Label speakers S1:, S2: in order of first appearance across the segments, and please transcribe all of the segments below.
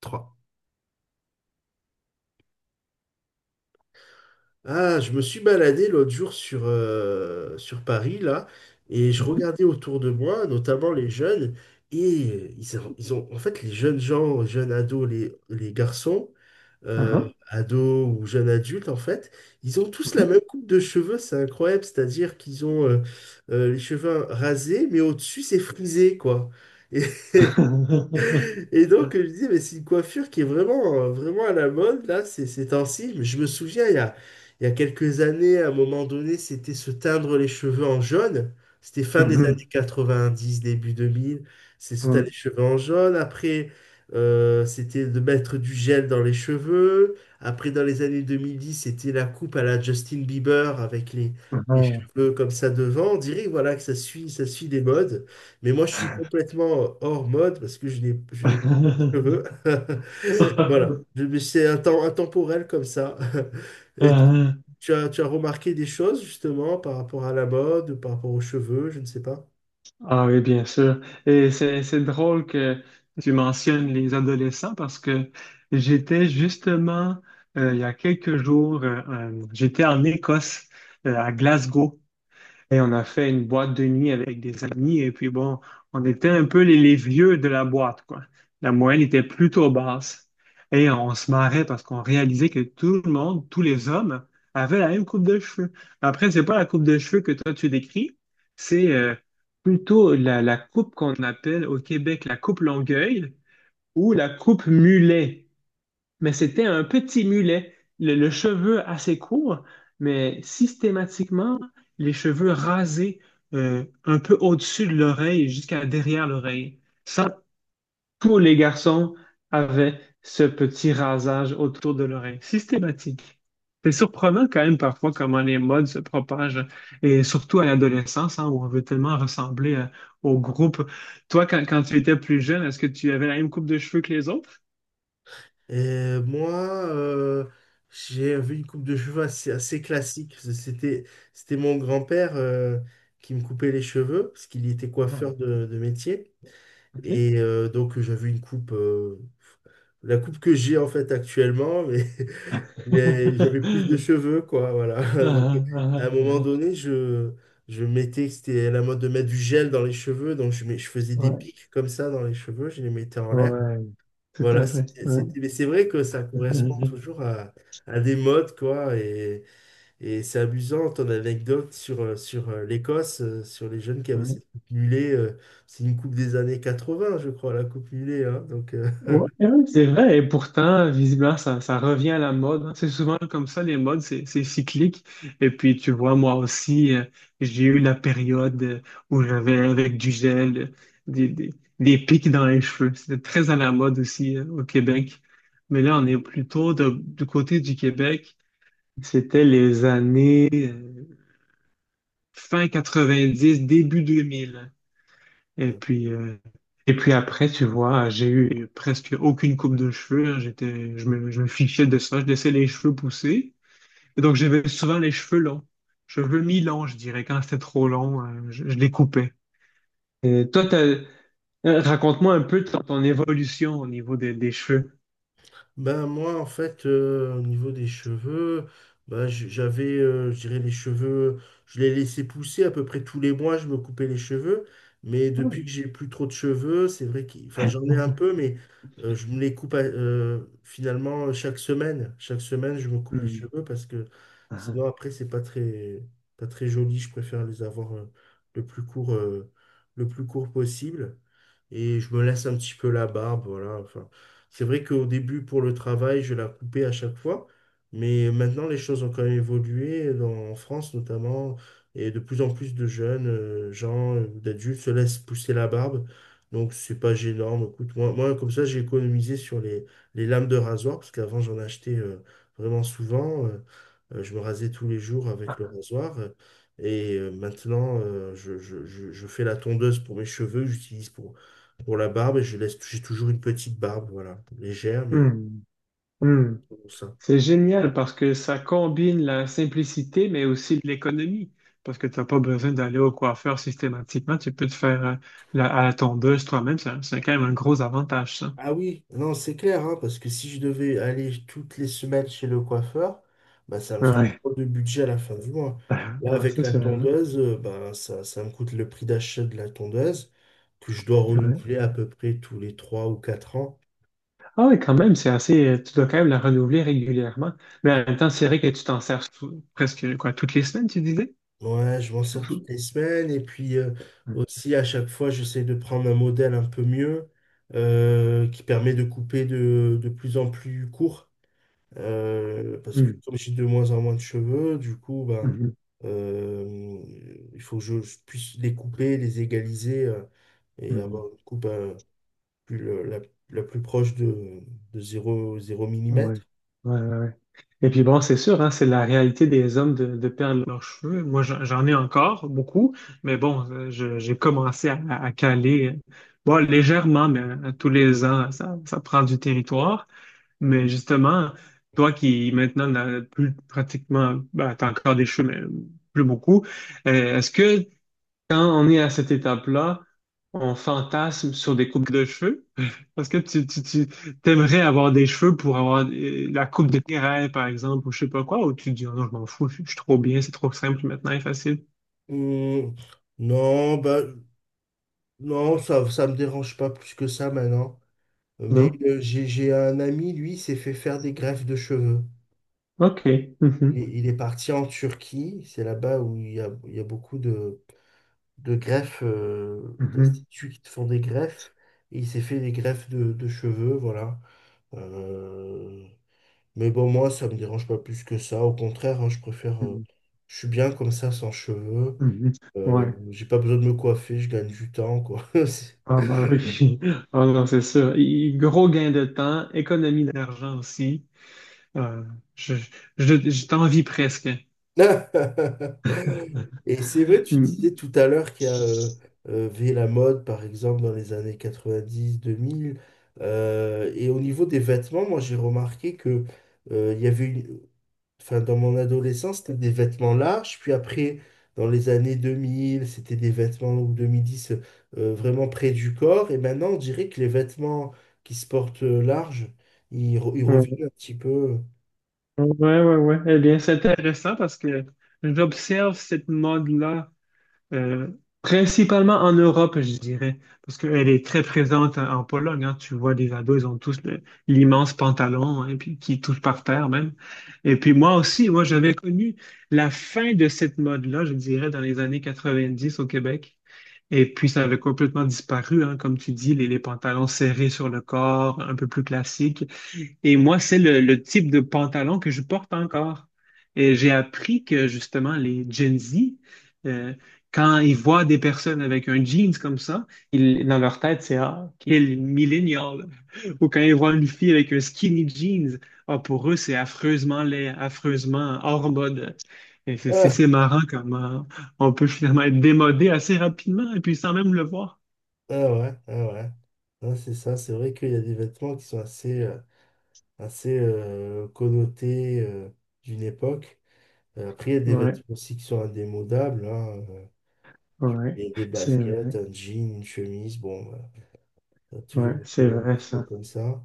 S1: Trois. Ah, je me suis baladé l'autre jour sur, sur Paris, là, et je
S2: Mhm.
S1: regardais autour de moi, notamment les jeunes, et en fait, les jeunes gens, jeunes ados, les garçons,
S2: Aha.
S1: Oui. Ados ou jeunes adultes, en fait, ils ont tous la même coupe de cheveux, c'est incroyable, c'est-à-dire qu'ils ont les cheveux rasés, mais au-dessus, c'est frisé, quoi. Et
S2: Mhm.
S1: Et donc, je me disais, mais c'est une coiffure qui est vraiment, vraiment à la mode, là, ces temps-ci. Mais je me souviens, il y a quelques années, à un moment donné, c'était se teindre les cheveux en jaune. C'était fin des années
S2: Mhm.
S1: 90, début 2000. C'est se teindre
S2: Ouais.
S1: les cheveux en jaune. Après, c'était de mettre du gel dans les cheveux. Après, dans les années 2010, c'était la coupe à la Justin Bieber avec les cheveux comme ça devant. On dirait, voilà, que ça suit des modes. Mais moi, je suis complètement hors mode parce que je n'ai pas
S2: Aha.
S1: de cheveux. Voilà. Mais c'est un temps intemporel comme ça. Et tu as remarqué des choses justement par rapport à la mode, par rapport aux cheveux, je ne sais pas.
S2: Ah oui, bien sûr. Et c'est drôle que tu mentionnes les adolescents parce que j'étais justement, il y a quelques jours, j'étais en Écosse, à Glasgow. Et on a fait une boîte de nuit avec des amis. Et puis bon, on était un peu les vieux de la boîte, quoi. La moyenne était plutôt basse. Et on se marrait parce qu'on réalisait que tout le monde, tous les hommes, avaient la même coupe de cheveux. Après, c'est pas la coupe de cheveux que toi tu décris, c'est plutôt la coupe qu'on appelle au Québec la coupe Longueuil ou la coupe Mulet, mais c'était un petit mulet, le cheveu assez court, mais systématiquement, les cheveux rasés un peu au-dessus de l'oreille jusqu'à derrière l'oreille. Ça, tous les garçons avaient ce petit rasage autour de l'oreille, systématique. C'est surprenant quand même parfois comment les modes se propagent, et surtout à l'adolescence, hein, où on veut tellement ressembler au groupe. Toi, quand tu étais plus jeune, est-ce que tu avais la même coupe de cheveux que les autres?
S1: Et moi, j'ai vu une coupe de cheveux assez classique. C'était mon grand-père qui me coupait les cheveux parce qu'il était
S2: Ah,
S1: coiffeur de métier.
S2: ok.
S1: Et donc j'avais une coupe, la coupe que j'ai en fait actuellement, mais, mais j'avais plus de cheveux, quoi, voilà. Donc
S2: Ah,
S1: à un
S2: ah,
S1: moment
S2: ah, ah.
S1: donné, je mettais, c'était à la mode de mettre du gel dans les cheveux, donc je faisais des
S2: Ouais,
S1: pics comme ça dans les cheveux, je les mettais en l'air.
S2: ouais, tout à
S1: Voilà,
S2: fait. Ouais.
S1: mais c'est vrai que ça correspond toujours à des modes, quoi. Et c'est amusant ton anecdote sur, l'Écosse, sur les jeunes qui avaient
S2: Ouais.
S1: cette coupe mulet. C'est une coupe des années 80, je crois, la coupe mulet, hein.
S2: Ouais, ouais, c'est vrai, et pourtant, visiblement, ça revient à la mode, hein. C'est souvent comme ça, les modes, c'est cyclique. Et puis, tu vois, moi aussi, j'ai eu la période où j'avais avec du gel, des, des, des pics dans les cheveux. C'était très à la mode aussi, au Québec. Mais là, on est plutôt du côté du Québec. C'était les années fin 90, début 2000. Et puis, et puis après, tu vois, j'ai eu presque aucune coupe de cheveux, hein. Je me fichais de ça. Je laissais les cheveux pousser. Et donc, j'avais souvent les cheveux longs. Cheveux mi-longs, je dirais. Quand c'était trop long, je les coupais. Et toi, raconte-moi un peu ton évolution au niveau des cheveux.
S1: Ben moi, en fait, au niveau des cheveux, ben, j'avais, je dirais, les cheveux, je les laissais pousser. À peu près tous les mois, je me coupais les cheveux. Mais depuis
S2: Oui.
S1: que j'ai plus trop de cheveux, c'est vrai que, enfin, j'en ai un peu, mais je me les coupe finalement chaque semaine. Chaque semaine, je me coupe les
S2: Hmm.
S1: cheveux parce que
S2: Ah.
S1: sinon, après, c'est pas très, pas très joli. Je préfère les avoir le plus court, euh, le plus court possible. Et je me laisse un petit peu la barbe, voilà. Enfin, c'est vrai qu'au début, pour le travail, je la coupais à chaque fois, mais maintenant, les choses ont quand même évolué, en France notamment, et de plus en plus de jeunes gens, d'adultes, se laissent pousser la barbe. Donc, c'est pas gênant. Mais écoute, moi, comme ça, j'ai économisé sur les lames de rasoir, parce qu'avant, j'en achetais vraiment souvent. Je me rasais tous les jours avec le rasoir. Et maintenant, je fais la tondeuse pour mes cheveux que j'utilise pour la barbe, je laisse, j'ai toujours une petite barbe, voilà, légère, mais
S2: Hmm. Hmm.
S1: bon, ça.
S2: C'est génial parce que ça combine la simplicité, mais aussi l'économie. Parce que tu n'as pas besoin d'aller au coiffeur systématiquement. Tu peux te faire à la tondeuse toi-même. C'est quand même un gros avantage, ça.
S1: Ah oui, non, c'est clair, hein, parce que si je devais aller toutes les semaines chez le coiffeur, bah, ça me ferait
S2: Ouais.
S1: trop de budget à la fin du mois. Là,
S2: Ah,
S1: avec
S2: ça,
S1: la
S2: c'est vraiment.
S1: tondeuse, bah, ça me coûte le prix d'achat de la tondeuse, que je dois
S2: Ouais.
S1: renouveler à peu près tous les 3 ou quatre ans.
S2: Ah oui, quand même, c'est assez. Tu dois quand même la renouveler régulièrement. Mais en même temps, c'est vrai que tu t'en sers presque quoi, toutes les semaines, tu disais?
S1: Ouais, je m'en sers toutes
S2: Mhm.
S1: les semaines, et puis aussi à chaque fois, j'essaie de prendre un modèle un peu mieux, qui permet de couper de plus en plus court. Parce que
S2: Mhm.
S1: comme j'ai de moins en moins de cheveux, du coup, ben,
S2: Mhm.
S1: euh, il faut que je puisse les couper, les égaliser et
S2: Mhm.
S1: avoir une coupe plus, le- la, la plus proche de zéro 0 mm.
S2: Ouais, ouais, ouais, ouais. Et puis bon, c'est sûr, hein, c'est la réalité des hommes de perdre leurs cheveux. Moi, j'en ai encore beaucoup, mais bon, j'ai commencé à caler, bon, légèrement, mais tous les ans, ça prend du territoire. Mais justement, toi qui maintenant n'as plus pratiquement, ben, t'as encore des cheveux, mais plus beaucoup, est-ce que quand on est à cette étape-là, on fantasme sur des coupes de cheveux. Parce que tu t'aimerais avoir des cheveux pour avoir la coupe de tes rêves, par exemple, ou je sais pas quoi, ou tu te dis, oh non, je m'en fous, je suis trop bien, c'est trop simple maintenant et facile.
S1: Hmm, non, bah, non, ça me dérange pas plus que ça maintenant. Mais
S2: Non?
S1: j'ai un ami, lui, s'est fait faire des greffes de cheveux.
S2: OK. Mhm.
S1: Il est parti en Turquie, c'est là-bas où il y a beaucoup de greffes,
S2: Mhm.
S1: d'instituts qui te font des greffes. Et il s'est fait des greffes de cheveux, voilà. Euh, mais bon, moi, ça me dérange pas plus que ça. Au contraire, hein, je préfère.
S2: Mhm.
S1: Je suis bien comme ça, sans cheveux.
S2: Mhm. Ouais.
S1: J'ai pas besoin de me coiffer, je gagne du temps, quoi.
S2: Ah bah oui. Ah non, c'est sûr. Et gros gain de temps, économie d'argent aussi. Euh, je je t'envie presque.
S1: Et c'est vrai, tu disais tout à l'heure qu'il y a V la mode, par exemple, dans les années 90, 2000. Et au niveau des vêtements, moi, j'ai remarqué que il y avait une, enfin, dans mon adolescence, c'était des vêtements larges. Puis après, dans les années 2000, c'était des vêtements, ou 2010, vraiment près du corps. Et maintenant, on dirait que les vêtements qui se portent larges, ils
S2: Mm.
S1: reviennent un petit peu.
S2: Ouais, ouais, ouais. Eh bien, c'est intéressant parce que j'observe cette mode-là euh, principalement en Europe, je dirais, parce qu'elle est très présente en Pologne, hein. Tu vois, les ados, ils ont tous l'immense pantalon, hein, puis qui touche par terre même. Et puis moi aussi, moi, j'avais connu la fin de cette mode-là, je dirais, dans les années 90 au Québec. Et puis, ça avait complètement disparu, hein, comme tu dis, les pantalons serrés sur le corps, un peu plus classiques. Et moi, c'est le type de pantalon que je porte encore. Et j'ai appris que justement, les Gen Z, euh, quand ils voient des personnes avec un jeans comme ça, ils, dans leur tête, c'est ah, quel millennial! Ou quand ils voient une fille avec un skinny jeans, ah, pour eux, c'est affreusement laid, affreusement hors mode. Et
S1: Ah,
S2: c'est marrant comment on peut finalement être démodé assez rapidement et puis sans même le voir.
S1: ah ah ouais. Ouais, c'est ça, c'est vrai qu'il y a des vêtements qui sont assez connotés d'une époque. Après, il y a des
S2: Ouais,
S1: vêtements aussi qui sont indémodables, hein. Il
S2: ouais,
S1: y a des
S2: c'est
S1: baskets,
S2: vrai.
S1: un jean, une chemise. Bon, bah. Ça a
S2: Ouais,
S1: toujours
S2: c'est
S1: été un
S2: vrai
S1: petit peu
S2: ça.
S1: comme ça.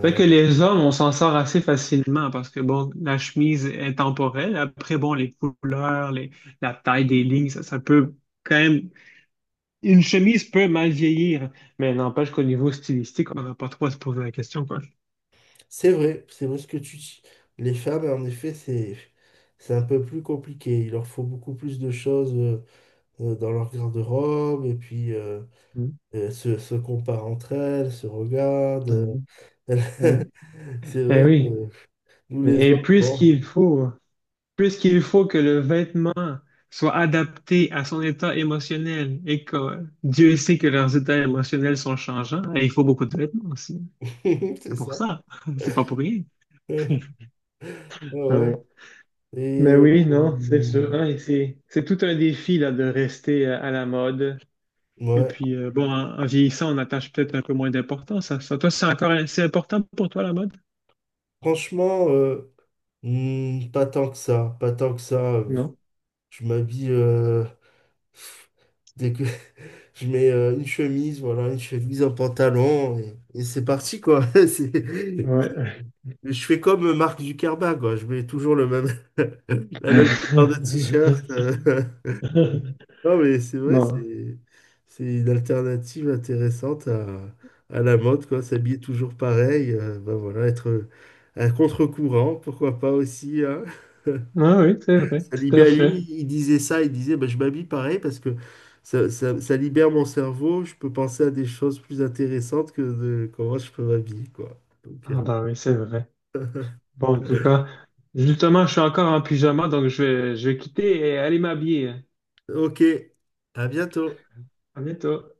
S2: Fait que les hommes, on s'en sort assez facilement parce que, bon, la chemise est temporelle. Après, bon, les couleurs, la taille des lignes, ça peut quand même... Une chemise peut mal vieillir, mais n'empêche qu'au niveau stylistique, on n'a pas trop à se poser la question, quoi.
S1: c'est vrai ce que tu dis. Les femmes, en effet, c'est un peu plus compliqué. Il leur faut beaucoup plus de choses dans leur garde-robe et puis
S2: Mm.
S1: se comparent entre elles, se regardent.
S2: Mm.
S1: Elles-
S2: Ouais.
S1: C'est
S2: Eh
S1: vrai que
S2: oui.
S1: nous les
S2: Et
S1: hommes, bon,
S2: puisqu'il puisqu'il faut que le vêtement soit adapté à son état émotionnel et que Dieu sait que leurs états émotionnels sont changeants, eh, il faut beaucoup de vêtements aussi.
S1: c'est
S2: C'est pour
S1: ça.
S2: ça. C'est pas pour rien.
S1: Ouais.
S2: Ouais.
S1: Et
S2: Mais
S1: euh,
S2: oui, non, c'est sûr,
S1: hum,
S2: hein, et c'est tout un défi là, de rester à la mode. Et
S1: ouais,
S2: puis, bon, en vieillissant, on attache peut-être un peu moins d'importance à ça. Toi, c'est encore assez important pour toi, la mode?
S1: franchement, pas tant que ça, pas tant que ça.
S2: Non?
S1: Je m'habille. Dès que je mets une chemise, voilà, une chemise, un pantalon, et c'est parti, quoi.
S2: Ouais.
S1: Je fais comme Marc Ducarba, quoi. Je mets toujours le même, la même couleur de t-shirt. Euh. Non, mais c'est vrai,
S2: Bon.
S1: c'est une alternative intéressante à la mode, quoi. S'habiller toujours pareil, ben voilà, être à contre-courant, pourquoi pas aussi, hein.
S2: Ah oui, c'est vrai,
S1: Ça
S2: tout à
S1: libère,
S2: fait.
S1: lui, il disait ça, il disait, bah, je m'habille pareil parce que ça libère mon cerveau, je peux penser à des choses plus intéressantes que de comment je peux m'habiller, quoi. Donc,
S2: Ah bah oui, c'est vrai. Bon, en tout cas, justement, je suis encore en pyjama, donc je je vais quitter et aller m'habiller.
S1: ok, à bientôt.
S2: À bientôt.